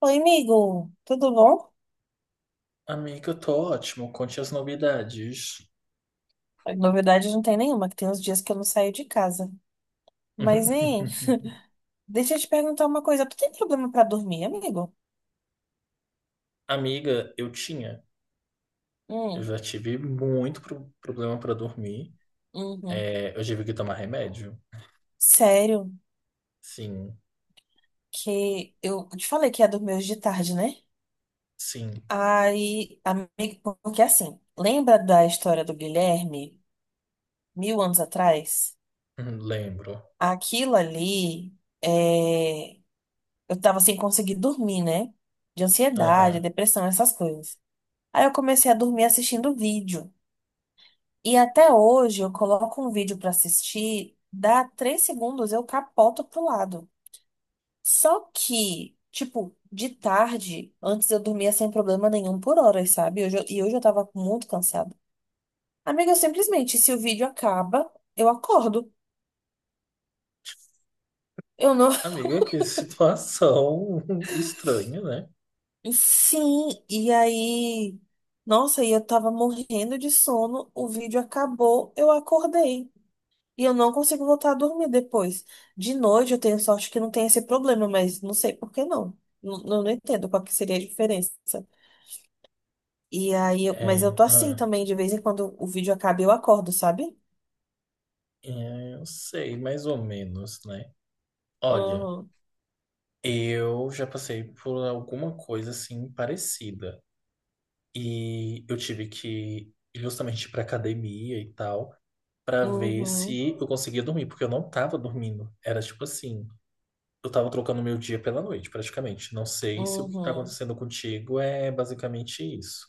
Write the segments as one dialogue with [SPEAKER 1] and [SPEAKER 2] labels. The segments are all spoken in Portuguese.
[SPEAKER 1] Oi, amigo, tudo bom?
[SPEAKER 2] Amiga, eu tô ótimo. Conte as novidades.
[SPEAKER 1] Novidade não tem nenhuma, que tem uns dias que eu não saio de casa. Mas, hein, deixa eu te perguntar uma coisa. Tu tem problema pra dormir, amigo?
[SPEAKER 2] Amiga, eu tinha. Eu
[SPEAKER 1] Hum,
[SPEAKER 2] já tive muito problema pra dormir.
[SPEAKER 1] uhum.
[SPEAKER 2] É, eu tive que tomar remédio.
[SPEAKER 1] Sério,
[SPEAKER 2] Sim,
[SPEAKER 1] que eu te falei que ia dormir hoje de tarde, né?
[SPEAKER 2] sim.
[SPEAKER 1] Aí, amigo, porque assim, lembra da história do Guilherme, mil anos atrás?
[SPEAKER 2] Lembro.
[SPEAKER 1] Aquilo ali, é... eu tava sem conseguir dormir, né? De ansiedade,
[SPEAKER 2] Aham.
[SPEAKER 1] depressão, essas coisas. Aí eu comecei a dormir assistindo vídeo. E até hoje eu coloco um vídeo pra assistir, dá 3 segundos, eu capoto pro lado. Só que, tipo, de tarde, antes eu dormia sem problema nenhum por horas, sabe? E hoje eu tava muito cansada. Amiga, eu simplesmente, se o vídeo acaba, eu acordo. Eu não.
[SPEAKER 2] Amiga, que situação estranha, né?
[SPEAKER 1] Sim, e aí. Nossa, e eu tava morrendo de sono, o vídeo acabou, eu acordei. E eu não consigo voltar a dormir depois. De noite eu tenho sorte que não tem esse problema, mas não sei por que não. Não, não entendo qual que seria a diferença. E aí, mas eu
[SPEAKER 2] É,
[SPEAKER 1] tô assim
[SPEAKER 2] ah,
[SPEAKER 1] também, de vez em quando o vídeo acaba, e eu acordo, sabe?
[SPEAKER 2] é, eu sei, mais ou menos, né? Olha,
[SPEAKER 1] Uhum,
[SPEAKER 2] eu já passei por alguma coisa assim parecida. E eu tive que ir justamente para academia e tal, para ver
[SPEAKER 1] uhum,
[SPEAKER 2] se eu conseguia dormir, porque eu não tava dormindo. Era tipo assim, eu tava trocando meu dia pela noite, praticamente. Não sei se o que tá
[SPEAKER 1] uhum,
[SPEAKER 2] acontecendo contigo é basicamente isso.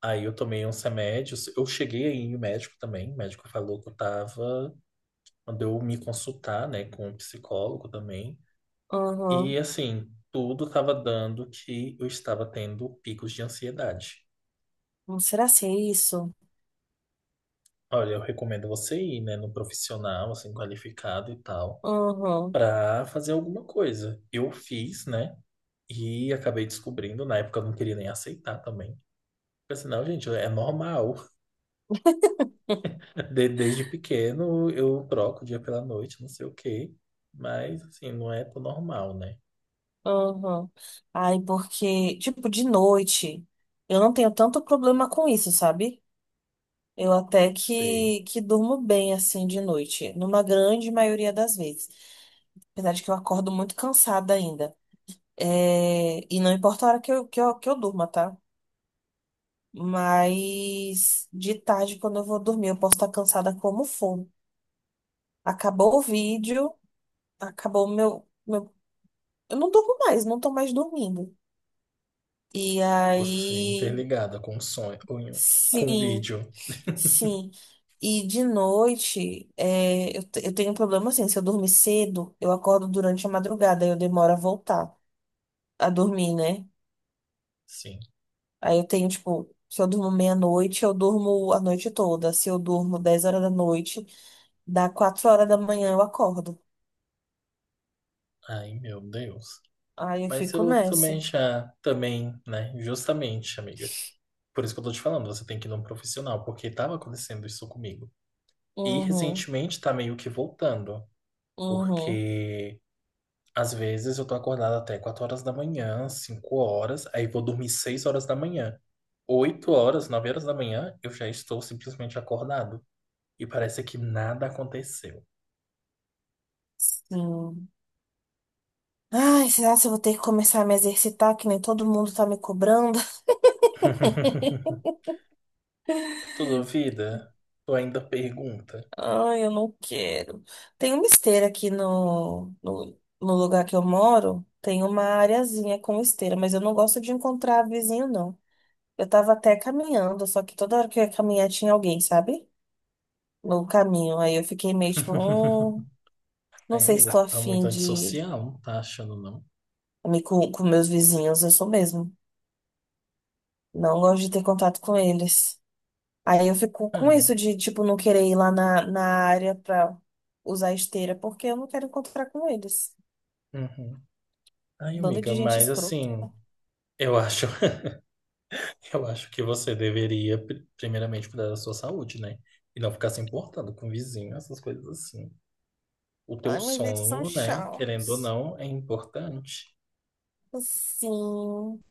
[SPEAKER 2] Aí eu tomei uns remédios, eu cheguei aí em médico também, o médico falou que eu tava, mandou eu me consultar, né, com um psicólogo também. E
[SPEAKER 1] uhum.
[SPEAKER 2] assim, tudo tava dando que eu estava tendo picos de ansiedade.
[SPEAKER 1] Não será ser isso?
[SPEAKER 2] Olha, eu recomendo você ir, né, no profissional, assim, qualificado e tal,
[SPEAKER 1] Uhum,
[SPEAKER 2] pra fazer alguma coisa. Eu fiz, né, e acabei descobrindo, na época eu não queria nem aceitar também. Porque assim, não, gente, é normal. Desde pequeno eu troco o dia pela noite, não sei o quê. Mas, assim, não é tão normal, né?
[SPEAKER 1] uhum. Ai, porque, tipo, de noite, eu não tenho tanto problema com isso, sabe? Eu até
[SPEAKER 2] Sei.
[SPEAKER 1] que durmo bem assim de noite, numa grande maioria das vezes. Apesar de que eu acordo muito cansada ainda. É, e não importa a hora que eu durma, tá? Mas de tarde, quando eu vou dormir, eu posso estar cansada como for. Acabou o vídeo, acabou o meu. Eu não durmo mais, não tô mais dormindo. E
[SPEAKER 2] Você
[SPEAKER 1] aí.
[SPEAKER 2] interligada com um sonho, com um
[SPEAKER 1] Sim,
[SPEAKER 2] vídeo.
[SPEAKER 1] sim. E de noite, é, eu tenho um problema assim: se eu dormir cedo, eu acordo durante a madrugada, eu demoro a voltar a dormir, né?
[SPEAKER 2] Sim.
[SPEAKER 1] Aí eu tenho, tipo, se eu durmo meia-noite, eu durmo a noite toda. Se eu durmo 10 horas da noite, dá 4 horas da manhã eu acordo.
[SPEAKER 2] Ai, meu Deus.
[SPEAKER 1] Aí eu
[SPEAKER 2] Mas
[SPEAKER 1] fico
[SPEAKER 2] eu também
[SPEAKER 1] nessa.
[SPEAKER 2] já, também, né, justamente, amiga. Por isso que eu tô te falando, você tem que ir num profissional, porque estava acontecendo isso comigo. E
[SPEAKER 1] Uhum,
[SPEAKER 2] recentemente tá meio que voltando,
[SPEAKER 1] uhum,
[SPEAKER 2] porque às vezes eu tô acordado até 4 horas da manhã, 5 horas, aí vou dormir 6 horas da manhã. 8 horas, 9 horas da manhã, eu já estou simplesmente acordado. E parece que nada aconteceu.
[SPEAKER 1] sim. Ai, será que eu vou ter que começar a me exercitar, que nem todo mundo tá me cobrando?
[SPEAKER 2] Tu duvida? Tu ainda pergunta.
[SPEAKER 1] Ai, eu não quero. Tem uma esteira aqui no lugar que eu moro. Tem uma areazinha com esteira, mas eu não gosto de encontrar vizinho, não. Eu tava até caminhando, só que toda hora que eu ia caminhar tinha alguém, sabe? No caminho. Aí eu fiquei meio tipo, não
[SPEAKER 2] Ai,
[SPEAKER 1] sei se
[SPEAKER 2] amiga,
[SPEAKER 1] estou
[SPEAKER 2] tu tá muito
[SPEAKER 1] afim de
[SPEAKER 2] antissocial, não tá achando, não?
[SPEAKER 1] me com meus vizinhos, eu sou mesmo. Não gosto de ter contato com eles. Aí eu fico com isso
[SPEAKER 2] Ah,
[SPEAKER 1] de, tipo, não querer ir lá na, na área pra usar esteira, porque eu não quero encontrar com eles.
[SPEAKER 2] uhum. Ai,
[SPEAKER 1] Bando
[SPEAKER 2] amiga,
[SPEAKER 1] de gente
[SPEAKER 2] mas
[SPEAKER 1] escrota.
[SPEAKER 2] assim. Eu acho, eu acho que você deveria, primeiramente, cuidar da sua saúde, né? E não ficar se importando com o vizinho, essas coisas assim. O teu
[SPEAKER 1] Ai, mas eles são
[SPEAKER 2] sono, né? Querendo ou
[SPEAKER 1] chatos.
[SPEAKER 2] não, é importante.
[SPEAKER 1] Sim.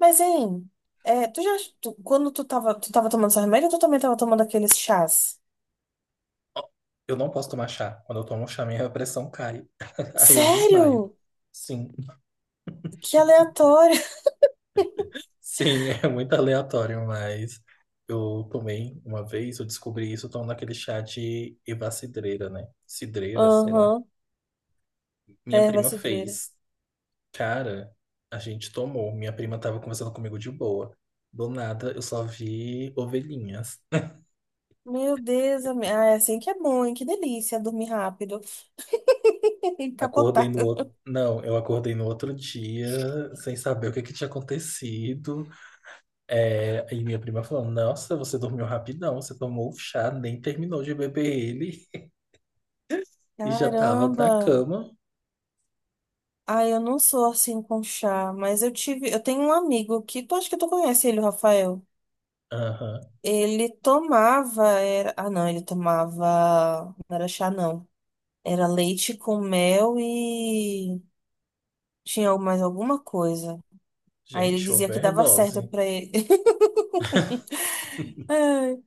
[SPEAKER 1] Mas, hein, é, tu já, tu- quando tu tava tomando seu remédio, ou tu também tava tomando aqueles chás?
[SPEAKER 2] Ó, eu não posso tomar chá. Quando eu tomo chá, minha pressão cai. Aí eu desmaio.
[SPEAKER 1] Sério?
[SPEAKER 2] Sim,
[SPEAKER 1] Que aleatório.
[SPEAKER 2] sim, é muito aleatório, mas eu tomei uma vez, eu descobri isso tomando aquele chá de eva cidreira, né? Cidreira, sei lá.
[SPEAKER 1] Aham.
[SPEAKER 2] Minha
[SPEAKER 1] Erva
[SPEAKER 2] prima
[SPEAKER 1] cidreira.
[SPEAKER 2] fez. Cara, a gente tomou. Minha prima tava conversando comigo de boa. Do nada, eu só vi ovelhinhas.
[SPEAKER 1] Meu Deus, ami- ah, é assim que é bom, hein? Que delícia dormir rápido. E
[SPEAKER 2] Acordei
[SPEAKER 1] capotar.
[SPEAKER 2] no outro. Não, eu acordei no outro dia sem saber o que é que tinha acontecido. E minha prima falou: "Nossa, você dormiu rapidão, você tomou o chá, nem terminou de beber ele e já tava na
[SPEAKER 1] Caramba.
[SPEAKER 2] cama."
[SPEAKER 1] Ah, eu não sou assim com chá, mas eu tive, eu tenho um amigo que tu acho que tu conhece ele, o Rafael.
[SPEAKER 2] Aham.
[SPEAKER 1] Ele tomava, ah não, ele tomava, não era chá não. Era leite com mel e tinha mais alguma coisa. Aí ele
[SPEAKER 2] Gente,
[SPEAKER 1] dizia que dava certo
[SPEAKER 2] overdose.
[SPEAKER 1] pra ele. Ai,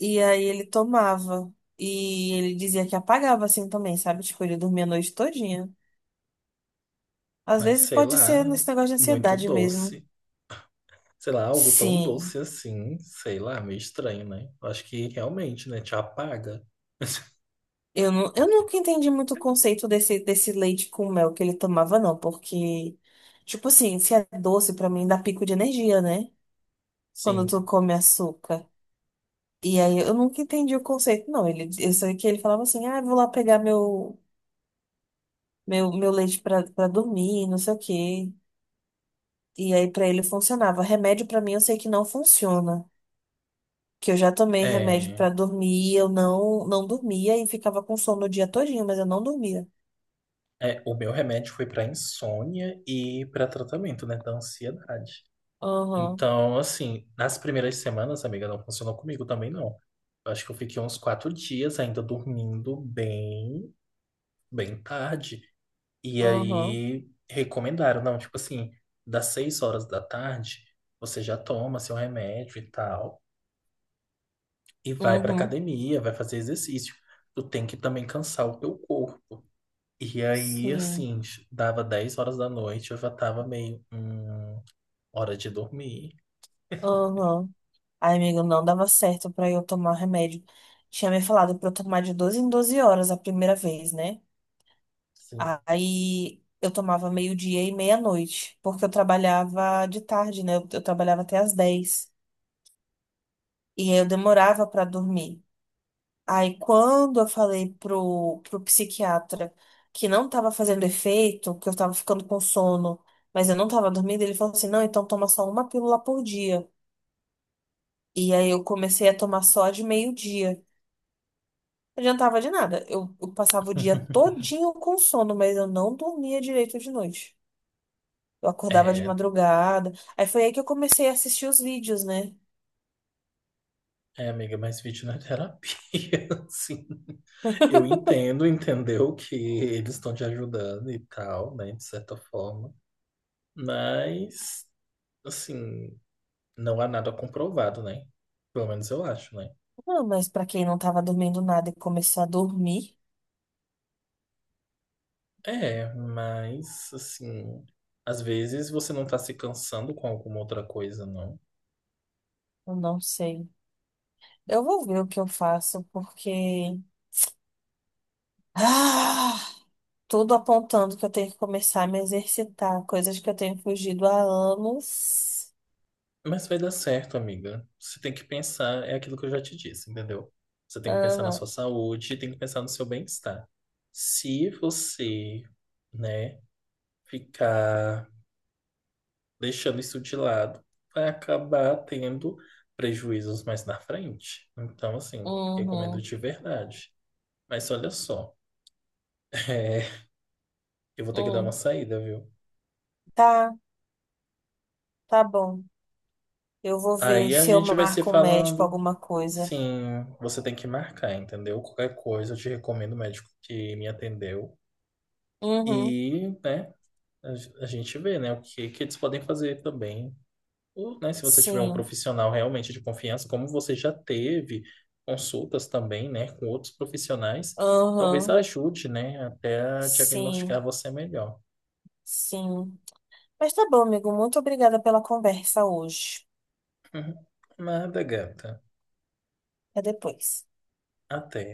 [SPEAKER 1] e aí ele tomava. E ele dizia que apagava assim também, sabe? Tipo, ele dormia a noite todinha. Às
[SPEAKER 2] Mas
[SPEAKER 1] vezes
[SPEAKER 2] sei
[SPEAKER 1] pode ser
[SPEAKER 2] lá,
[SPEAKER 1] nesse negócio de
[SPEAKER 2] muito
[SPEAKER 1] ansiedade mesmo.
[SPEAKER 2] doce. Sei lá, algo tão
[SPEAKER 1] Sim.
[SPEAKER 2] doce assim, sei lá, meio estranho, né? Eu acho que realmente, né, te apaga.
[SPEAKER 1] Eu, não, eu nunca entendi muito o conceito desse leite com mel que ele tomava, não, porque, tipo assim, se é doce, pra mim dá pico de energia, né? Quando tu
[SPEAKER 2] Sim.
[SPEAKER 1] come açúcar. E aí eu nunca entendi o conceito, não. Ele, eu sei que ele falava assim, ah, eu vou lá pegar meu leite pra, pra dormir, não sei o quê. E aí pra ele funcionava. Remédio pra mim eu sei que não funciona, que eu já tomei remédio pra
[SPEAKER 2] É,
[SPEAKER 1] dormir, eu não dormia e ficava com sono o dia todinho, mas eu não dormia.
[SPEAKER 2] é, o meu remédio foi para insônia e para tratamento, né, da ansiedade.
[SPEAKER 1] Aham,
[SPEAKER 2] Então, assim, nas primeiras semanas, amiga, não funcionou comigo também, não. Eu acho que eu fiquei uns quatro dias ainda dormindo bem, bem tarde. E
[SPEAKER 1] aham,
[SPEAKER 2] aí recomendaram, não, tipo assim, das 6 horas da tarde, você já toma seu remédio e tal. E vai para
[SPEAKER 1] uhum,
[SPEAKER 2] academia, vai fazer exercício. Tu tem que também cansar o teu corpo. E aí,
[SPEAKER 1] sim,
[SPEAKER 2] assim, dava 10 horas da noite, eu já tava meio, hora de dormir.
[SPEAKER 1] aham. Ai amigo, não dava certo pra eu tomar remédio. Tinha me falado pra eu tomar de 12 em 12 horas a primeira vez, né?
[SPEAKER 2] Sim.
[SPEAKER 1] Aí eu tomava meio-dia e meia-noite, porque eu trabalhava de tarde, né? Eu trabalhava até às 10. E aí eu demorava pra dormir. Aí, quando eu falei pro psiquiatra que não tava fazendo efeito, que eu tava ficando com sono, mas eu não tava dormindo, ele falou assim: não, então toma só uma pílula por dia. E aí eu comecei a tomar só a de meio-dia. Não adiantava de nada. Eu passava o dia todinho com sono, mas eu não dormia direito de noite. Eu acordava de
[SPEAKER 2] É,
[SPEAKER 1] madrugada. Aí foi aí que eu comecei a assistir os vídeos, né?
[SPEAKER 2] é, amiga, mas vídeo não é terapia, assim. Eu entendo, entendeu que eles estão te ajudando e tal, né, de certa forma. Mas, assim, não há nada comprovado, né? Pelo menos eu acho, né?
[SPEAKER 1] Não, mas pra quem não tava dormindo nada e começou a dormir,
[SPEAKER 2] É, mas assim, às vezes você não tá se cansando com alguma outra coisa, não.
[SPEAKER 1] eu não sei. Eu vou ver o que eu faço, porque ah, tudo apontando que eu tenho que começar a me exercitar, coisas que eu tenho fugido há anos.
[SPEAKER 2] Mas vai dar certo, amiga. Você tem que pensar, é aquilo que eu já te disse, entendeu? Você tem que pensar na
[SPEAKER 1] Aham,
[SPEAKER 2] sua saúde, tem que pensar no seu bem-estar. Se você, né, ficar deixando isso de lado, vai acabar tendo prejuízos mais na frente. Então, assim, recomendo
[SPEAKER 1] uhum,
[SPEAKER 2] de verdade. Mas olha só, é, eu vou ter que dar uma
[SPEAKER 1] hum.
[SPEAKER 2] saída, viu?
[SPEAKER 1] Tá, tá bom. Eu vou ver
[SPEAKER 2] Aí a
[SPEAKER 1] se eu
[SPEAKER 2] gente vai se
[SPEAKER 1] marco um médico
[SPEAKER 2] falando.
[SPEAKER 1] alguma coisa.
[SPEAKER 2] Sim, você tem que marcar, entendeu? Qualquer coisa, eu te recomendo o médico que me atendeu.
[SPEAKER 1] Uhum,
[SPEAKER 2] E, né, a gente vê, né, o que, que eles podem fazer também. Ou, né, se você tiver um
[SPEAKER 1] sim,
[SPEAKER 2] profissional realmente de confiança, como você já teve consultas também, né, com outros profissionais, talvez
[SPEAKER 1] aham,
[SPEAKER 2] ajude, né, até a
[SPEAKER 1] sim,
[SPEAKER 2] diagnosticar você melhor.
[SPEAKER 1] sim. Mas tá bom, amigo. Muito obrigada pela conversa hoje.
[SPEAKER 2] Nada, gata.
[SPEAKER 1] Até depois.
[SPEAKER 2] Até.